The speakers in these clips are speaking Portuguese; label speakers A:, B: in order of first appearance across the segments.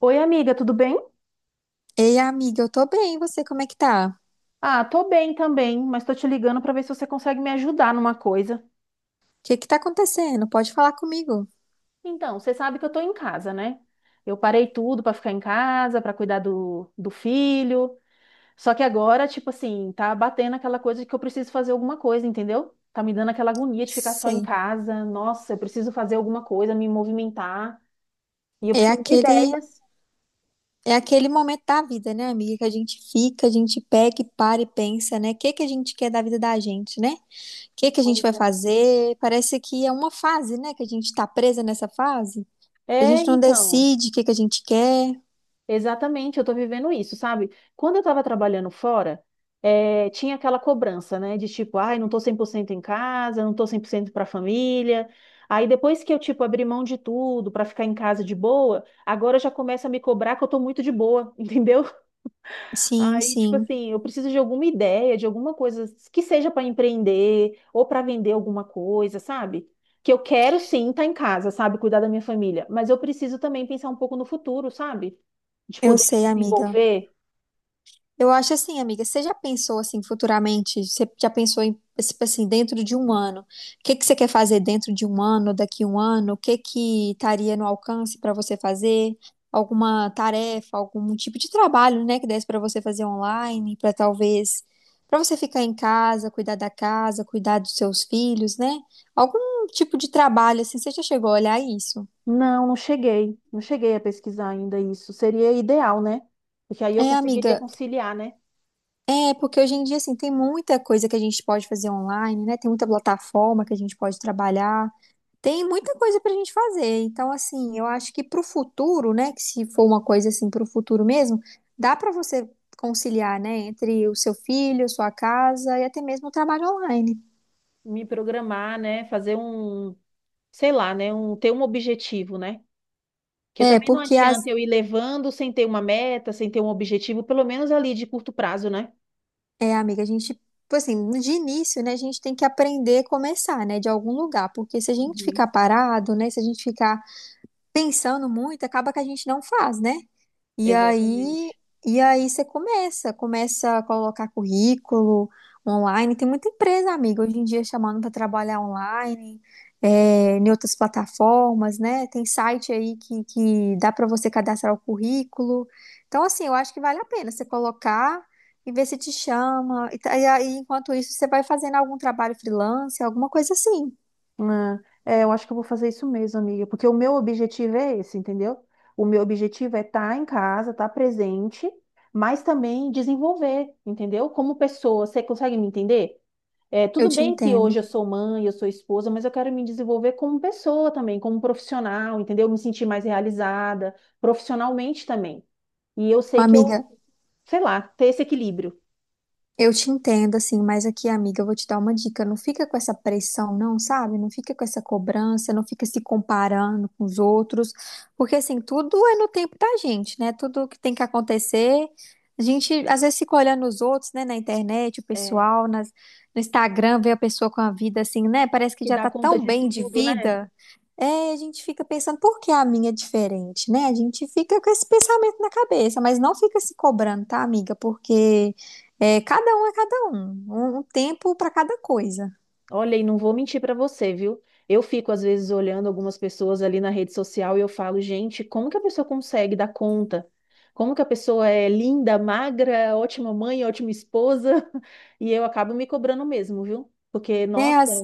A: Oi, amiga, tudo bem?
B: Ei, amiga, eu tô bem, e você como é que tá? O
A: Ah, tô bem também, mas tô te ligando pra ver se você consegue me ajudar numa coisa.
B: que que tá acontecendo? Pode falar comigo.
A: Então, você sabe que eu tô em casa, né? Eu parei tudo pra ficar em casa, pra cuidar do filho. Só que agora, tipo assim, tá batendo aquela coisa de que eu preciso fazer alguma coisa, entendeu? Tá me dando aquela agonia de ficar só em
B: Sei.
A: casa. Nossa, eu preciso fazer alguma coisa, me movimentar. E eu
B: É
A: preciso de
B: aquele
A: ideias.
B: é aquele momento da vida, né, amiga, que a gente fica, a gente pega e para e pensa, né? O que que a gente quer da vida da gente, né? O que que a gente
A: Pois
B: vai fazer? Parece que é uma fase, né, que a gente tá presa nessa fase.
A: é,
B: A
A: é,
B: gente não
A: então.
B: decide o que que a gente quer.
A: Exatamente, eu tô vivendo isso, sabe? Quando eu tava trabalhando fora, tinha aquela cobrança, né? De tipo, ai, não tô 100% em casa, não tô 100% pra família. Aí depois que eu, tipo, abri mão de tudo pra ficar em casa de boa, agora já começa a me cobrar que eu tô muito de boa, entendeu?
B: Sim,
A: Aí, tipo
B: sim.
A: assim, eu preciso de alguma ideia, de alguma coisa que seja pra empreender ou pra vender alguma coisa, sabe? Que eu quero sim estar em casa, sabe? Cuidar da minha família, mas eu preciso também pensar um pouco no futuro, sabe? De
B: Eu
A: poder me
B: sei, amiga.
A: desenvolver?
B: Eu acho assim, amiga, você já pensou assim futuramente? Você já pensou em, tipo assim, dentro de um ano? O que que você quer fazer dentro de um ano, daqui um ano? O que que estaria no alcance para você fazer? Alguma tarefa, algum tipo de trabalho, né, que desse para você fazer online, para talvez para você ficar em casa, cuidar da casa, cuidar dos seus filhos, né? Algum tipo de trabalho assim, você já chegou a olhar isso?
A: Não, não cheguei. Não cheguei a pesquisar ainda isso. Seria ideal, né? Porque aí eu
B: É,
A: conseguiria
B: amiga,
A: conciliar, né?
B: é porque hoje em dia, assim, tem muita coisa que a gente pode fazer online, né? Tem muita plataforma que a gente pode trabalhar. Tem muita coisa pra gente fazer. Então, assim, eu acho que pro futuro, né? Que se for uma coisa assim pro futuro mesmo, dá pra você conciliar, né? Entre o seu filho, sua casa e até mesmo o trabalho online.
A: Me programar, né? Fazer um, sei lá, né? Ter um objetivo, né? Porque
B: É,
A: também não
B: porque as...
A: adianta eu ir levando sem ter uma meta, sem ter um objetivo, pelo menos ali de curto prazo, né?
B: É, amiga, a gente... tipo assim, de início, né? A gente tem que aprender a começar, né? De algum lugar. Porque se a gente ficar
A: Uhum.
B: parado, né? Se a gente ficar pensando muito, acaba que a gente não faz, né? E aí,
A: Exatamente.
B: e aí, você começa, começa a colocar currículo online. Tem muita empresa, amiga, hoje em dia chamando para trabalhar online, em outras plataformas, né? Tem site aí que dá para você cadastrar o currículo. Então, assim, eu acho que vale a pena você colocar e ver se te chama. E, e aí, enquanto isso, você vai fazendo algum trabalho freelance, alguma coisa assim.
A: Ah, é, eu acho que eu vou fazer isso mesmo, amiga, porque o meu objetivo é esse, entendeu? O meu objetivo é estar em casa, estar presente, mas também desenvolver, entendeu? Como pessoa, você consegue me entender? É,
B: Eu
A: tudo
B: te
A: bem que
B: entendo.
A: hoje eu sou mãe, eu sou esposa, mas eu quero me desenvolver como pessoa também, como profissional, entendeu? Me sentir mais realizada, profissionalmente também. E eu sei que eu,
B: Amiga,
A: sei lá, ter esse equilíbrio,
B: eu te entendo, assim, mas aqui, amiga, eu vou te dar uma dica. Não fica com essa pressão, não, sabe? Não fica com essa cobrança, não fica se comparando com os outros, porque, assim, tudo é no tempo da gente, né? Tudo que tem que acontecer. A gente, às vezes, fica olhando os outros, né, na internet, o
A: é,
B: pessoal, no Instagram, vê a pessoa com a vida assim, né? Parece que
A: que
B: já
A: dá
B: tá
A: conta
B: tão
A: de
B: bem de
A: tudo, né?
B: vida. É, a gente fica pensando, por que a minha é diferente, né? A gente fica com esse pensamento na cabeça, mas não fica se cobrando, tá, amiga? Porque. É cada um, um tempo para cada coisa.
A: Olha, e não vou mentir para você, viu? Eu fico às vezes olhando algumas pessoas ali na rede social e eu falo, gente, como que a pessoa consegue dar conta? Como que a pessoa é linda, magra, ótima mãe, ótima esposa? E eu acabo me cobrando mesmo, viu? Porque,
B: É,
A: nossa,
B: às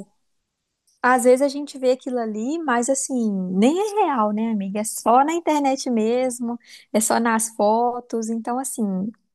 B: Às vezes a gente vê aquilo ali, mas assim, nem é real, né, amiga? É só na internet mesmo, é só nas fotos. Então, assim,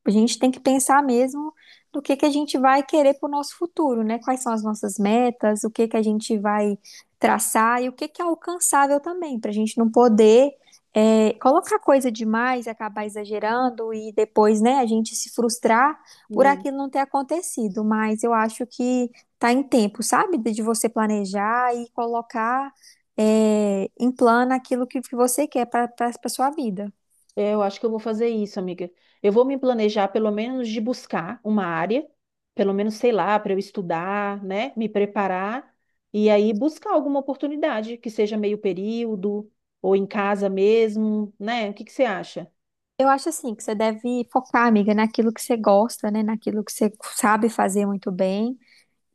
B: a gente tem que pensar mesmo do que a gente vai querer para o nosso futuro, né? Quais são as nossas metas, o que que a gente vai traçar e o que que é alcançável também, para a gente não poder colocar coisa demais, acabar exagerando e depois, né, a gente se frustrar por
A: né?
B: aquilo não ter acontecido. Mas eu acho que tá em tempo, sabe? De você planejar e colocar em plano aquilo que você quer para sua vida.
A: É, eu acho que eu vou fazer isso, amiga. Eu vou me planejar, pelo menos, de buscar uma área, pelo menos, sei lá, para eu estudar, né? Me preparar e aí buscar alguma oportunidade que seja meio período ou em casa mesmo, né? O que que você acha?
B: Eu acho assim que você deve focar, amiga, naquilo que você gosta, né? Naquilo que você sabe fazer muito bem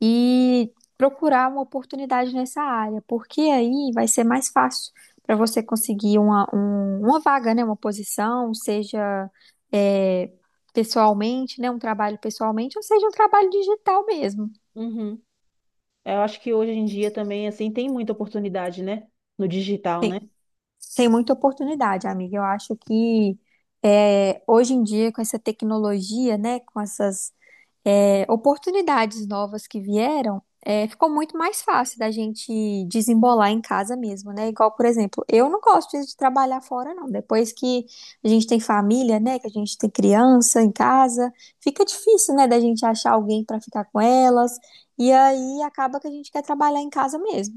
B: e procurar uma oportunidade nessa área, porque aí vai ser mais fácil para você conseguir uma, uma vaga, né? Uma posição, seja é, pessoalmente, né? Um trabalho pessoalmente, ou seja, um trabalho digital mesmo.
A: Uhum. Eu acho que hoje em dia também, assim, tem muita oportunidade, né? No digital, né?
B: Tem muita oportunidade, amiga. Eu acho que hoje em dia, com essa tecnologia, né, com essas oportunidades novas que vieram, ficou muito mais fácil da gente desembolar em casa mesmo, né? Igual, por exemplo, eu não gosto de trabalhar fora, não. Depois que a gente tem família, né, que a gente tem criança em casa, fica difícil, né, da gente achar alguém para ficar com elas. E aí acaba que a gente quer trabalhar em casa mesmo.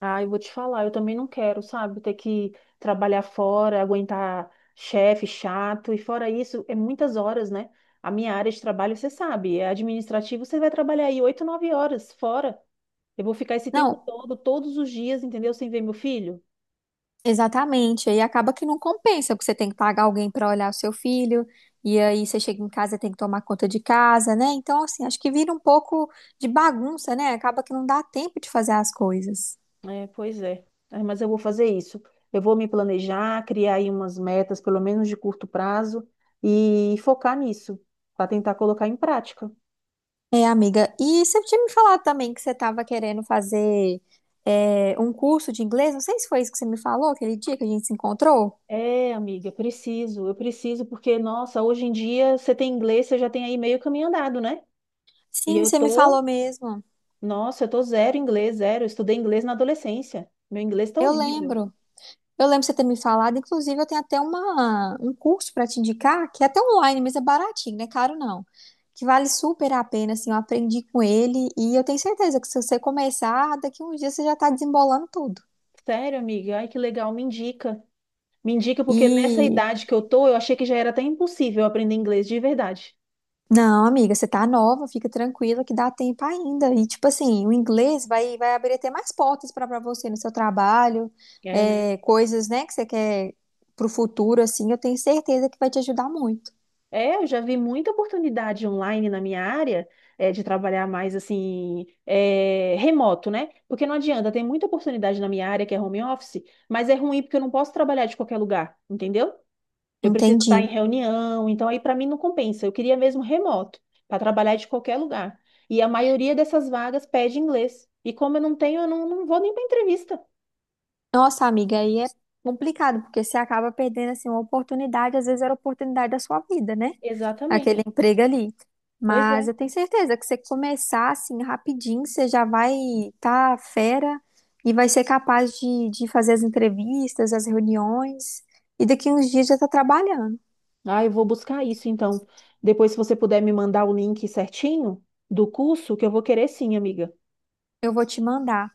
A: Ah, eu vou te falar, eu também não quero, sabe? Ter que trabalhar fora, aguentar chefe chato, e fora isso, é muitas horas, né? A minha área de trabalho, você sabe, é administrativo, você vai trabalhar aí oito, nove horas fora. Eu vou ficar esse tempo
B: Não,
A: todo, todos os dias, entendeu? Sem ver meu filho?
B: exatamente, aí acaba que não compensa, porque você tem que pagar alguém para olhar o seu filho, e aí você chega em casa e tem que tomar conta de casa, né? Então, assim, acho que vira um pouco de bagunça, né? Acaba que não dá tempo de fazer as coisas.
A: É, pois é. É, mas eu vou fazer isso. Eu vou me planejar, criar aí umas metas, pelo menos de curto prazo, e focar nisso, para tentar colocar em prática.
B: É, amiga, e você tinha me falado também que você estava querendo fazer um curso de inglês, não sei se foi isso que você me falou aquele dia que a gente se encontrou.
A: É, amiga, preciso, eu preciso, porque, nossa, hoje em dia você tem inglês, você já tem aí meio caminho andado, né? E
B: Sim,
A: eu
B: você me falou
A: tô,
B: mesmo,
A: nossa, eu tô zero inglês, zero. Eu estudei inglês na adolescência. Meu inglês tá
B: eu
A: horrível.
B: lembro. Eu lembro de você ter me falado, inclusive eu tenho até uma, um curso para te indicar, que é até online, mas é baratinho, não é caro não. Que vale super a pena, assim, eu aprendi com ele e eu tenho certeza que se você começar, daqui a uns dias você já tá desembolando tudo.
A: Sério, amiga, ai que legal, me indica. Me indica, porque nessa
B: E
A: idade que eu tô, eu achei que já era até impossível aprender inglês de verdade.
B: não, amiga, você tá nova, fica tranquila que dá tempo ainda. E tipo assim, o inglês vai abrir até mais portas para você no seu trabalho,
A: É, né?
B: coisas, né, que você quer pro futuro, assim, eu tenho certeza que vai te ajudar muito.
A: É, eu já vi muita oportunidade online na minha área, é, de trabalhar mais assim, é, remoto, né? Porque não adianta, tem muita oportunidade na minha área que é home office, mas é ruim porque eu não posso trabalhar de qualquer lugar, entendeu? Eu preciso estar em
B: Entendi.
A: reunião, então aí para mim não compensa. Eu queria mesmo remoto, para trabalhar de qualquer lugar. E a maioria dessas vagas pede inglês. E como eu não tenho, eu não, não vou nem para entrevista.
B: Nossa, amiga, aí é complicado, porque você acaba perdendo assim uma oportunidade, às vezes era a oportunidade da sua vida, né? Aquele
A: Exatamente.
B: emprego ali.
A: Pois
B: Mas
A: é.
B: eu tenho certeza que você começar assim rapidinho, você já vai estar fera e vai ser capaz de fazer as entrevistas, as reuniões, e daqui uns dias já tá trabalhando.
A: Ah, eu vou buscar isso então. Depois, se você puder me mandar o link certinho do curso, que eu vou querer sim, amiga.
B: Eu vou te mandar.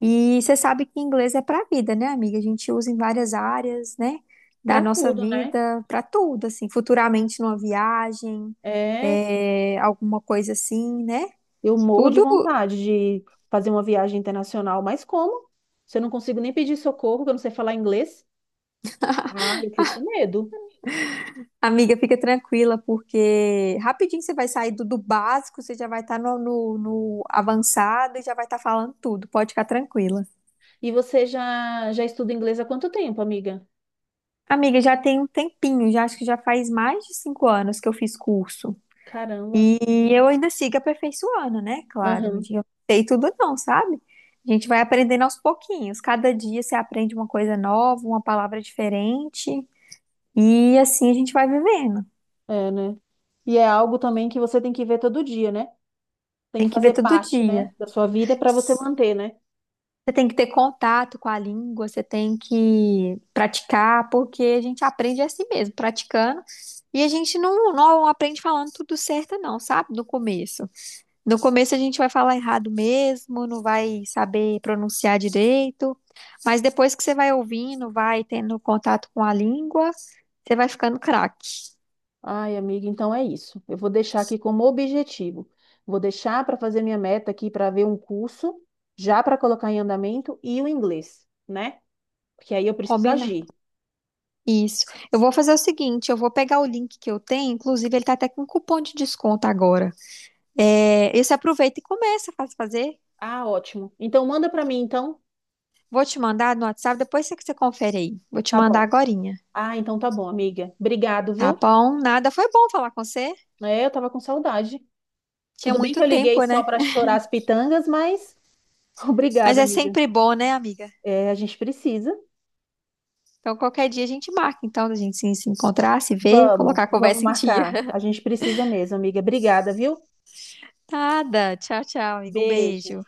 B: E você sabe que inglês é para a vida, né, amiga? A gente usa em várias áreas, né, da
A: Para
B: nossa
A: tudo, né?
B: vida, para tudo, assim, futuramente numa viagem,
A: É,
B: alguma coisa assim, né?
A: eu morro de
B: Tudo,
A: vontade de fazer uma viagem internacional, mas como? Se eu não consigo nem pedir socorro, que eu não sei falar inglês. Ah, eu fico com medo.
B: amiga, fica tranquila, porque rapidinho você vai sair do básico, você já vai estar no avançado e já vai estar falando tudo, pode ficar tranquila.
A: E você já já estuda inglês há quanto tempo, amiga?
B: Amiga, já tem um tempinho, já acho que já faz mais de 5 anos que eu fiz curso.
A: Caramba.
B: E eu ainda sigo aperfeiçoando, né? Claro, um
A: Aham.
B: dia eu não sei tudo não, sabe? A gente vai aprendendo aos pouquinhos. Cada dia você aprende uma coisa nova, uma palavra diferente. E assim a gente vai vivendo.
A: É, né? E é algo também que você tem que ver todo dia, né? Tem que
B: Tem que ver
A: fazer
B: todo
A: parte, né,
B: dia.
A: da sua vida para você manter, né?
B: Você tem que ter contato com a língua, você tem que praticar, porque a gente aprende assim mesmo, praticando. E a gente não aprende falando tudo certo, não, sabe? No começo. No começo a gente vai falar errado mesmo, não vai saber pronunciar direito, mas depois que você vai ouvindo, vai tendo contato com a língua, você vai ficando craque.
A: Ai, amiga, então é isso. Eu vou deixar aqui como objetivo. Vou deixar para fazer minha meta aqui para ver um curso, já para colocar em andamento, e o inglês, né? Porque aí eu preciso
B: Combinado.
A: agir.
B: Isso. Eu vou fazer o seguinte, eu vou pegar o link que eu tenho, inclusive ele tá até com cupom de desconto agora. É, e você aproveita e começa a fazer.
A: Ah, ótimo. Então manda para mim, então.
B: Vou te mandar no WhatsApp, depois você que você confere aí. Vou te
A: Tá
B: mandar
A: bom.
B: agorinha,
A: Ah, então tá bom, amiga. Obrigado,
B: tá
A: viu?
B: bom? Nada, foi bom falar com você.
A: É, eu tava com saudade.
B: Tinha
A: Tudo bem que
B: muito
A: eu liguei
B: tempo,
A: só
B: né?
A: para chorar as pitangas, mas
B: Mas
A: obrigada,
B: é
A: amiga.
B: sempre bom, né, amiga?
A: É, a gente precisa.
B: Então, qualquer dia a gente marca, então, da gente se encontrar, se ver,
A: Vamos,
B: colocar a
A: vamos
B: conversa em dia.
A: marcar. A gente precisa mesmo, amiga. Obrigada, viu?
B: Nada. Tchau, tchau, amigo. Um
A: Beijo.
B: beijo.